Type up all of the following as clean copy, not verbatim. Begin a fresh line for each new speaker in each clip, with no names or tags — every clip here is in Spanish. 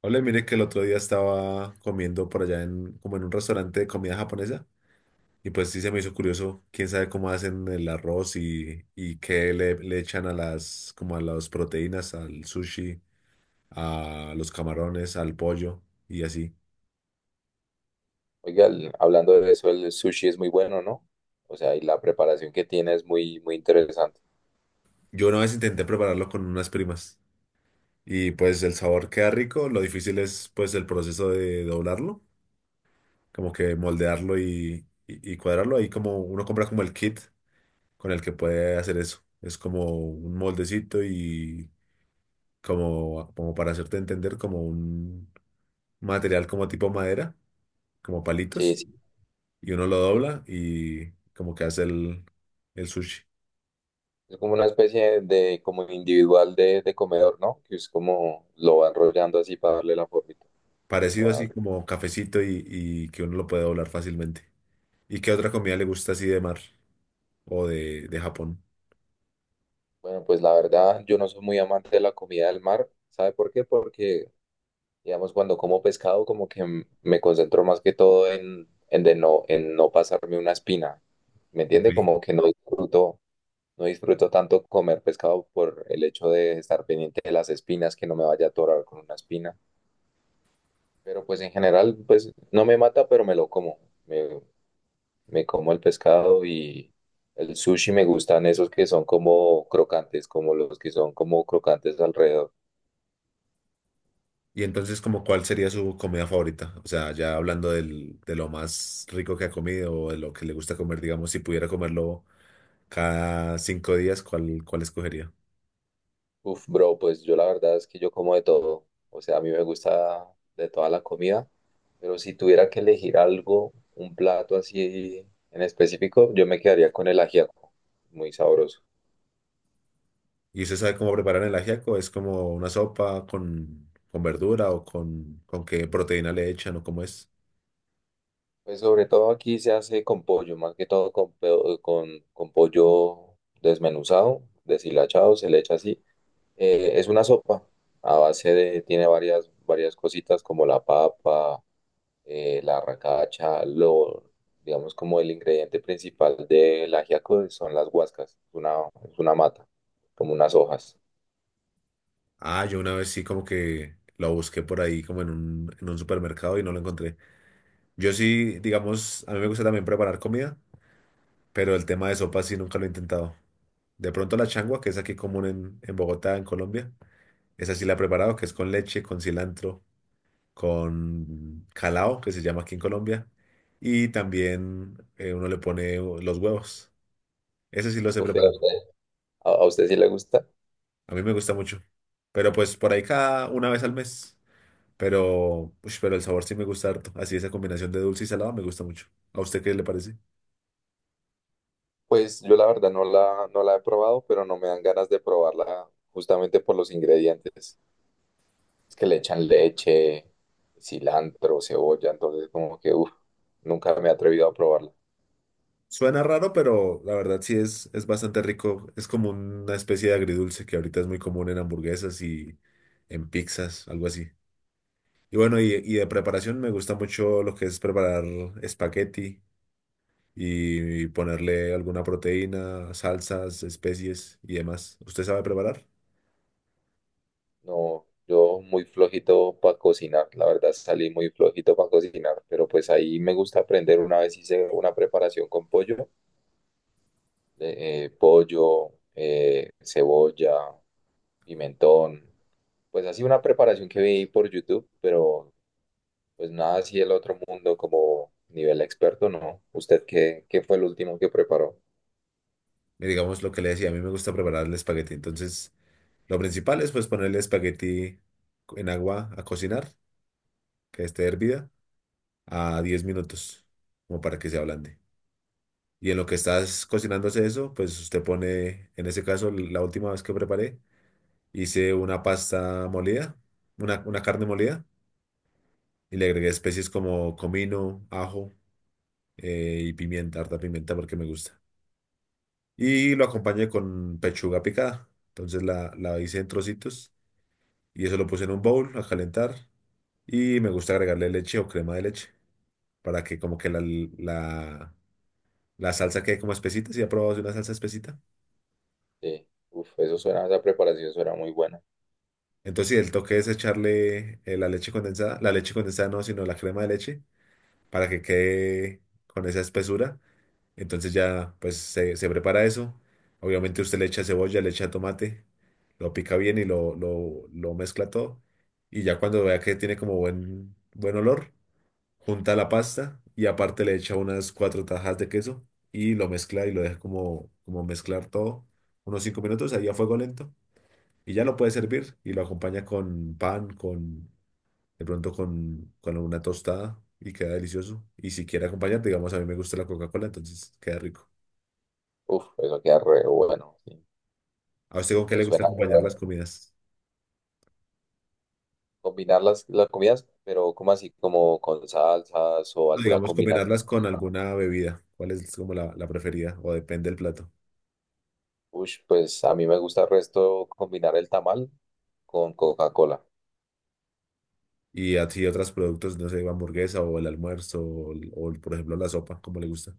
Hola, mire que el otro día estaba comiendo por allá como en un restaurante de comida japonesa y pues sí se me hizo curioso, quién sabe cómo hacen el arroz y qué le echan a como a las proteínas, al sushi, a los camarones, al pollo y así.
Oiga, hablando de eso, el sushi es muy bueno, ¿no? O sea, y la preparación que tiene es muy, muy interesante.
Yo una vez intenté prepararlo con unas primas y pues el sabor queda rico, lo difícil es pues el proceso de doblarlo, como que moldearlo y cuadrarlo. Ahí como uno compra como el kit con el que puede hacer eso. Es como un moldecito y como para hacerte entender, como un material como tipo madera, como
Sí,
palitos,
sí,
y uno lo
sí.
dobla y como que hace el sushi.
Es como una especie de, como individual de comedor, ¿no? Que es como lo va enrollando así para darle la formita
Parecido
o
así
algo.
como cafecito y que uno lo puede doblar fácilmente. ¿Y qué otra comida le gusta así de mar o de Japón?
Bueno, pues la verdad, yo no soy muy amante de la comida del mar. ¿Sabe por qué? Porque, digamos, cuando como pescado, como que me concentro más que todo en de no, en no pasarme una espina. ¿Me
Ok.
entiende? Como que no disfruto. No disfruto tanto comer pescado por el hecho de estar pendiente de las espinas, que no me vaya a atorar con una espina. Pero pues en general, pues no me mata, pero me lo como. Me, me como el pescado y el sushi me gustan esos que son como crocantes, como los que son como crocantes alrededor.
Y entonces, ¿como cuál sería su comida favorita? O sea, ya hablando de lo más rico que ha comido o de lo que le gusta comer, digamos, si pudiera comerlo cada 5 días, ¿cuál, cuál escogería?
Uf, bro, pues yo la verdad es que yo como de todo. O sea, a mí me gusta de toda la comida, pero si tuviera que elegir algo, un plato así en específico, yo me quedaría con el ajiaco, muy sabroso.
¿Y usted sabe cómo preparar el ajiaco? ¿Es como una sopa con verdura o con qué proteína le echan o cómo es?
Pues sobre todo aquí se hace con pollo, más que todo con, con pollo desmenuzado, deshilachado, se le echa así. Es una sopa a base de, tiene varias, varias cositas como la papa, la arracacha, lo, digamos como el ingrediente principal del ajiaco son las guascas, es una mata, como unas hojas.
Ah, yo una vez sí como que lo busqué por ahí como en en un supermercado y no lo encontré. Yo sí, digamos, a mí me gusta también preparar comida, pero el tema de sopa sí nunca lo he intentado. De pronto la changua, que es aquí común en Bogotá, en Colombia, esa sí la he preparado, que es con leche, con cilantro, con calao, que se llama aquí en Colombia, y también uno le pone los huevos. Ese sí lo he
Uf, ¿y ¿a
preparado.
usted, a usted sí le gusta?
A mí me gusta mucho. Pero pues por ahí cada una vez al mes. Pero, ush, pero el sabor sí me gusta harto. Así esa combinación de dulce y salado me gusta mucho. ¿A usted qué le parece?
Pues yo la verdad no la, no la he probado, pero no me dan ganas de probarla justamente por los ingredientes. Es que le echan leche, cilantro, cebolla, entonces como que, uff, nunca me he atrevido a probarla.
Suena raro, pero la verdad sí es bastante rico. Es como una especie de agridulce que ahorita es muy común en hamburguesas y en pizzas, algo así. Y bueno, y de preparación me gusta mucho lo que es preparar espagueti y ponerle alguna proteína, salsas, especies y demás. ¿Usted sabe preparar?
No, yo muy flojito para cocinar, la verdad salí muy flojito para cocinar, pero pues ahí me gusta aprender. Una vez hice una preparación con pollo, de, pollo, cebolla, pimentón, pues así una preparación que vi por YouTube, pero pues nada así el otro mundo como nivel experto, ¿no? ¿Usted qué, qué fue el último que preparó?
Digamos lo que le decía, a mí me gusta preparar el espagueti. Entonces, lo principal es pues ponerle espagueti en agua a cocinar, que esté hervida, a 10 minutos, como para que se ablande. Y en lo que estás cocinándose eso, pues usted pone, en ese caso, la última vez que preparé, hice una pasta molida, una carne molida, y le agregué especies como comino, ajo, y pimienta, harta pimienta porque me gusta. Y lo acompañé con pechuga picada. Entonces la hice en trocitos y eso lo puse en un bowl a calentar. Y me gusta agregarle leche o crema de leche para que como que la, la salsa quede como espesita. Si ha probado una salsa espesita.
Sí, uf, eso suena, esa preparación suena muy buena.
Entonces sí, el toque es echarle la leche condensada no, sino la crema de leche para que quede con esa espesura. Entonces ya pues se prepara eso. Obviamente usted le echa cebolla, le echa tomate, lo pica bien y lo mezcla todo. Y ya cuando vea que tiene como buen olor, junta la pasta y aparte le echa unas 4 tajas de queso y lo mezcla y lo deja como, como mezclar todo unos 5 minutos ahí a fuego lento. Y ya lo puede servir y lo acompaña con pan, con de pronto con una tostada y queda delicioso. Y si quiere acompañar, digamos, a mí me gusta la Coca-Cola, entonces queda rico.
Uf, eso queda re bueno, sí.
¿A usted con qué le
Pues
gusta
suena re
acompañar
bueno.
las comidas?
Combinar las comidas, pero ¿cómo así? Como con salsas o
No,
alguna
digamos,
combinación.
combinarlas con alguna bebida. ¿Cuál es como la preferida? O depende del plato.
Ush, pues a mí me gusta el resto combinar el tamal con Coca-Cola.
Y así otros productos, no sé, hamburguesa o el almuerzo por ejemplo la sopa, como le gusta?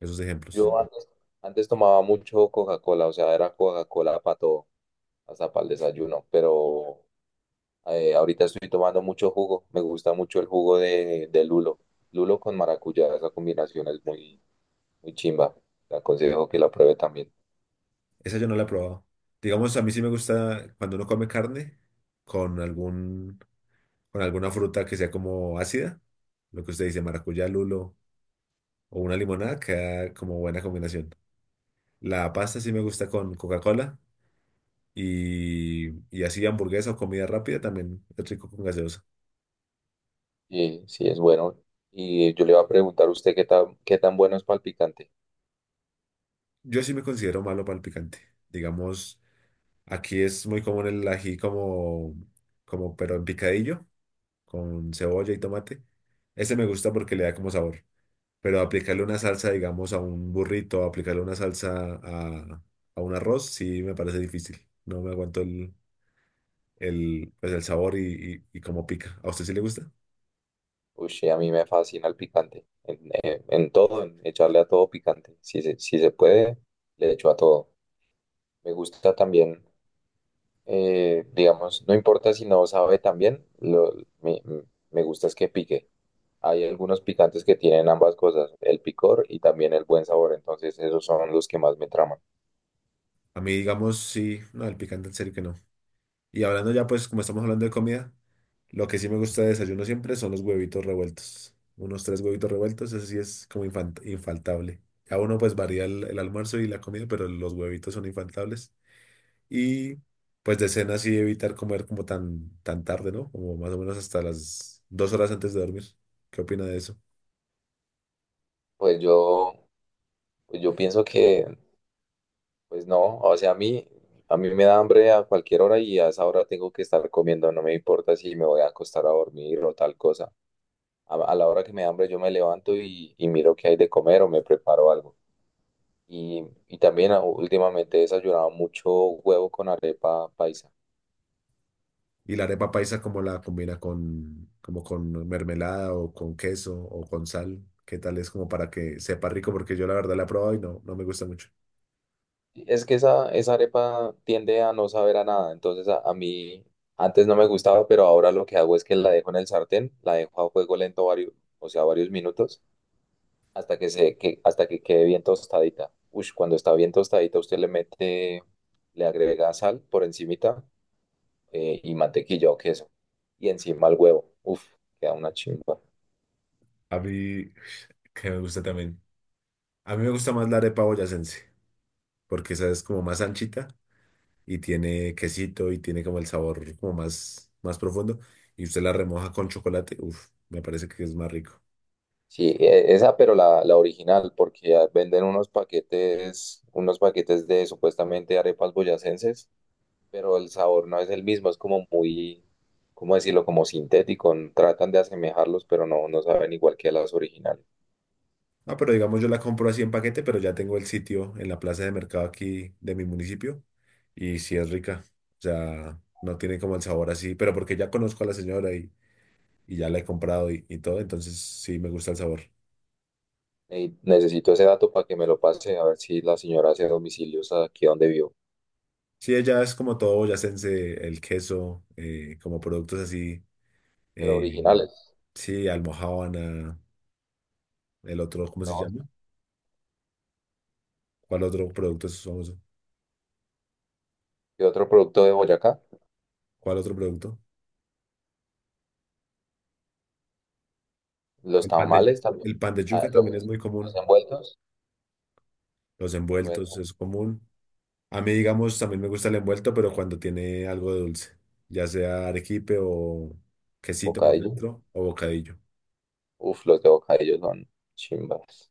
Esos ejemplos.
Yo antes, antes tomaba mucho Coca-Cola, o sea, era Coca-Cola para todo, hasta para el desayuno, pero ahorita estoy tomando mucho jugo. Me gusta mucho el jugo de lulo. Lulo con maracuyá, esa combinación es muy muy chimba. Le aconsejo que la pruebe también.
Esa yo no la he probado. Digamos, a mí sí me gusta cuando uno come carne con con alguna fruta que sea como ácida. Lo que usted dice, maracuyá, lulo o una limonada, queda como buena combinación. La pasta sí me gusta con Coca-Cola. Y así hamburguesa o comida rápida también es rico con gaseosa.
Y sí, es bueno. Y yo le iba a preguntar a usted qué tan bueno es para el picante.
Yo sí me considero malo para el picante. Digamos, aquí es muy común el ají como, como pero en picadillo, con cebolla y tomate. Ese me gusta porque le da como sabor. Pero aplicarle una salsa, digamos, a un burrito, aplicarle una salsa a un arroz, sí me parece difícil. No me aguanto pues el sabor y cómo pica. ¿A usted sí le gusta?
Uy, sí, a mí me fascina el picante. En todo, en echarle a todo picante. Si se, si se puede, le echo a todo. Me gusta también, digamos, no importa si no sabe también, lo, me, me gusta es que pique. Hay algunos picantes que tienen ambas cosas, el picor y también el buen sabor. Entonces, esos son los que más me traman.
A mí, digamos, sí, no, el picante en serio que no. Y hablando ya, pues, como estamos hablando de comida, lo que sí me gusta de desayuno siempre son los huevitos revueltos. Unos 3 huevitos revueltos, eso sí es como infaltable. A uno pues varía el almuerzo y la comida, pero los huevitos son infaltables. Y pues de cena sí evitar comer como tan tarde, ¿no? Como más o menos hasta las 2 horas antes de dormir. ¿Qué opina de eso?
Pues yo, pues yo pienso que pues no, o sea, a mí me da hambre a cualquier hora y a esa hora tengo que estar comiendo, no me importa si me voy a acostar a dormir o tal cosa. A la hora que me da hambre yo me levanto y miro qué hay de comer o me preparo algo. Y también ah, últimamente he desayunado mucho huevo con arepa paisa.
Y la arepa paisa, ¿cómo la combina con, como con mermelada o con queso o con sal? ¿Qué tal es como para que sepa rico? Porque yo la verdad la he probado y no, no me gusta mucho.
Es que esa arepa tiende a no saber a nada, entonces a mí antes no me gustaba, pero ahora lo que hago es que la dejo en el sartén, la dejo a fuego lento varios, o sea, varios minutos hasta que se, que, hasta que quede bien tostadita. Ush, cuando está bien tostadita, usted le mete, le agrega sal por encimita y mantequilla o queso. Y encima el huevo. Uf, queda una chimba.
A mí, que me gusta también. A mí me gusta más la arepa boyacense, porque esa es como más anchita y tiene quesito y tiene como el sabor como más profundo. Y usted la remoja con chocolate, uff, me parece que es más rico.
Sí, esa, pero la original, porque ya venden unos paquetes de supuestamente arepas boyacenses, pero el sabor no es el mismo, es como muy, ¿cómo decirlo? Como sintético. Tratan de asemejarlos, pero no, no saben igual que las originales.
Ah, pero digamos yo la compro así en paquete, pero ya tengo el sitio en la plaza de mercado aquí de mi municipio y sí es rica. O sea, no tiene como el sabor así, pero porque ya conozco a la señora y ya la he comprado y todo, entonces sí me gusta el sabor.
Ey, necesito ese dato para que me lo pase, a ver si la señora hace domicilios aquí donde vivo.
Sí, ella es como todo boyacense, el queso, como productos así.
Pero
Eh,
originales,
sí, almojábana, el otro, ¿cómo se
¿no?
llama? ¿Cuál otro producto es famoso?
¿Qué otro producto de Boyacá?
¿Cuál otro producto?
Los tamales también.
El pan de
Ah,
yuca también es muy
los,
común.
envueltos,
Los envueltos
bueno,
es común. A mí, digamos, también me gusta el envuelto, pero cuando tiene algo de dulce, ya sea arequipe o quesito por
bocadillo.
dentro o bocadillo.
Uf, los de bocadillo son chimbas.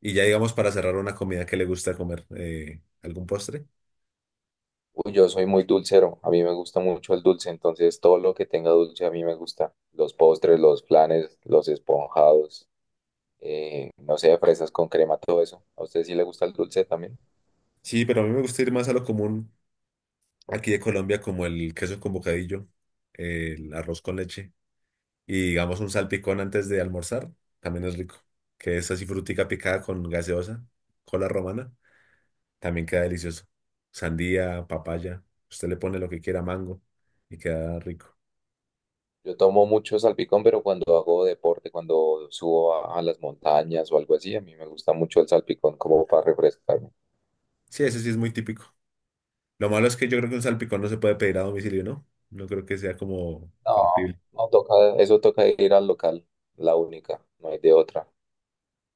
Y ya, digamos, para cerrar una comida que le gusta comer, ¿algún postre?
Uy, yo soy muy dulcero, a mí me gusta mucho el dulce, entonces todo lo que tenga dulce a mí me gusta. Los postres, los flanes, los esponjados, no sé, fresas con crema, todo eso. ¿A usted sí le gusta el dulce también?
Sí, pero a mí me gusta ir más a lo común aquí de Colombia como el queso con bocadillo, el arroz con leche y digamos un salpicón antes de almorzar, también es rico, que es así frutica picada con gaseosa, cola romana, también queda delicioso. Sandía, papaya, usted le pone lo que quiera, mango y queda rico.
Yo tomo mucho salpicón, pero cuando hago deporte, cuando subo a las montañas o algo así, a mí me gusta mucho el salpicón como para refrescarme.
Sí, ese sí es muy típico. Lo malo es que yo creo que un salpicón no se puede pedir a domicilio, ¿no? No creo que sea como
No,
factible.
no toca, eso toca ir al local, la única, no hay de otra.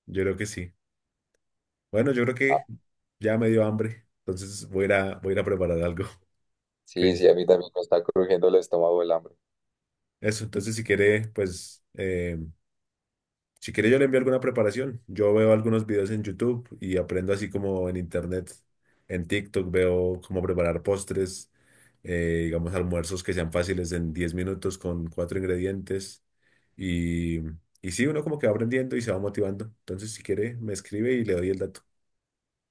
Yo creo que sí. Bueno, yo creo
Ah,
que ya me dio hambre, entonces voy a ir voy a ir a preparar algo. ¿Qué...
sí, sí, a mí también me está crujiendo el estómago el hambre.
Eso, entonces si quiere, pues, si quiere yo le envío alguna preparación. Yo veo algunos videos en YouTube y aprendo así como en internet, en TikTok veo cómo preparar postres, digamos almuerzos que sean fáciles en 10 minutos con 4 ingredientes. Y, y sí, uno como que va aprendiendo y se va motivando. Entonces si quiere, me escribe y le doy el dato.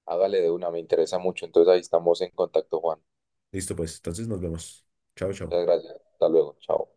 Hágale de una, me interesa mucho. Entonces ahí estamos en contacto, Juan.
Listo, pues, entonces nos vemos. Chao, chao.
Muchas gracias. Hasta luego. Chao.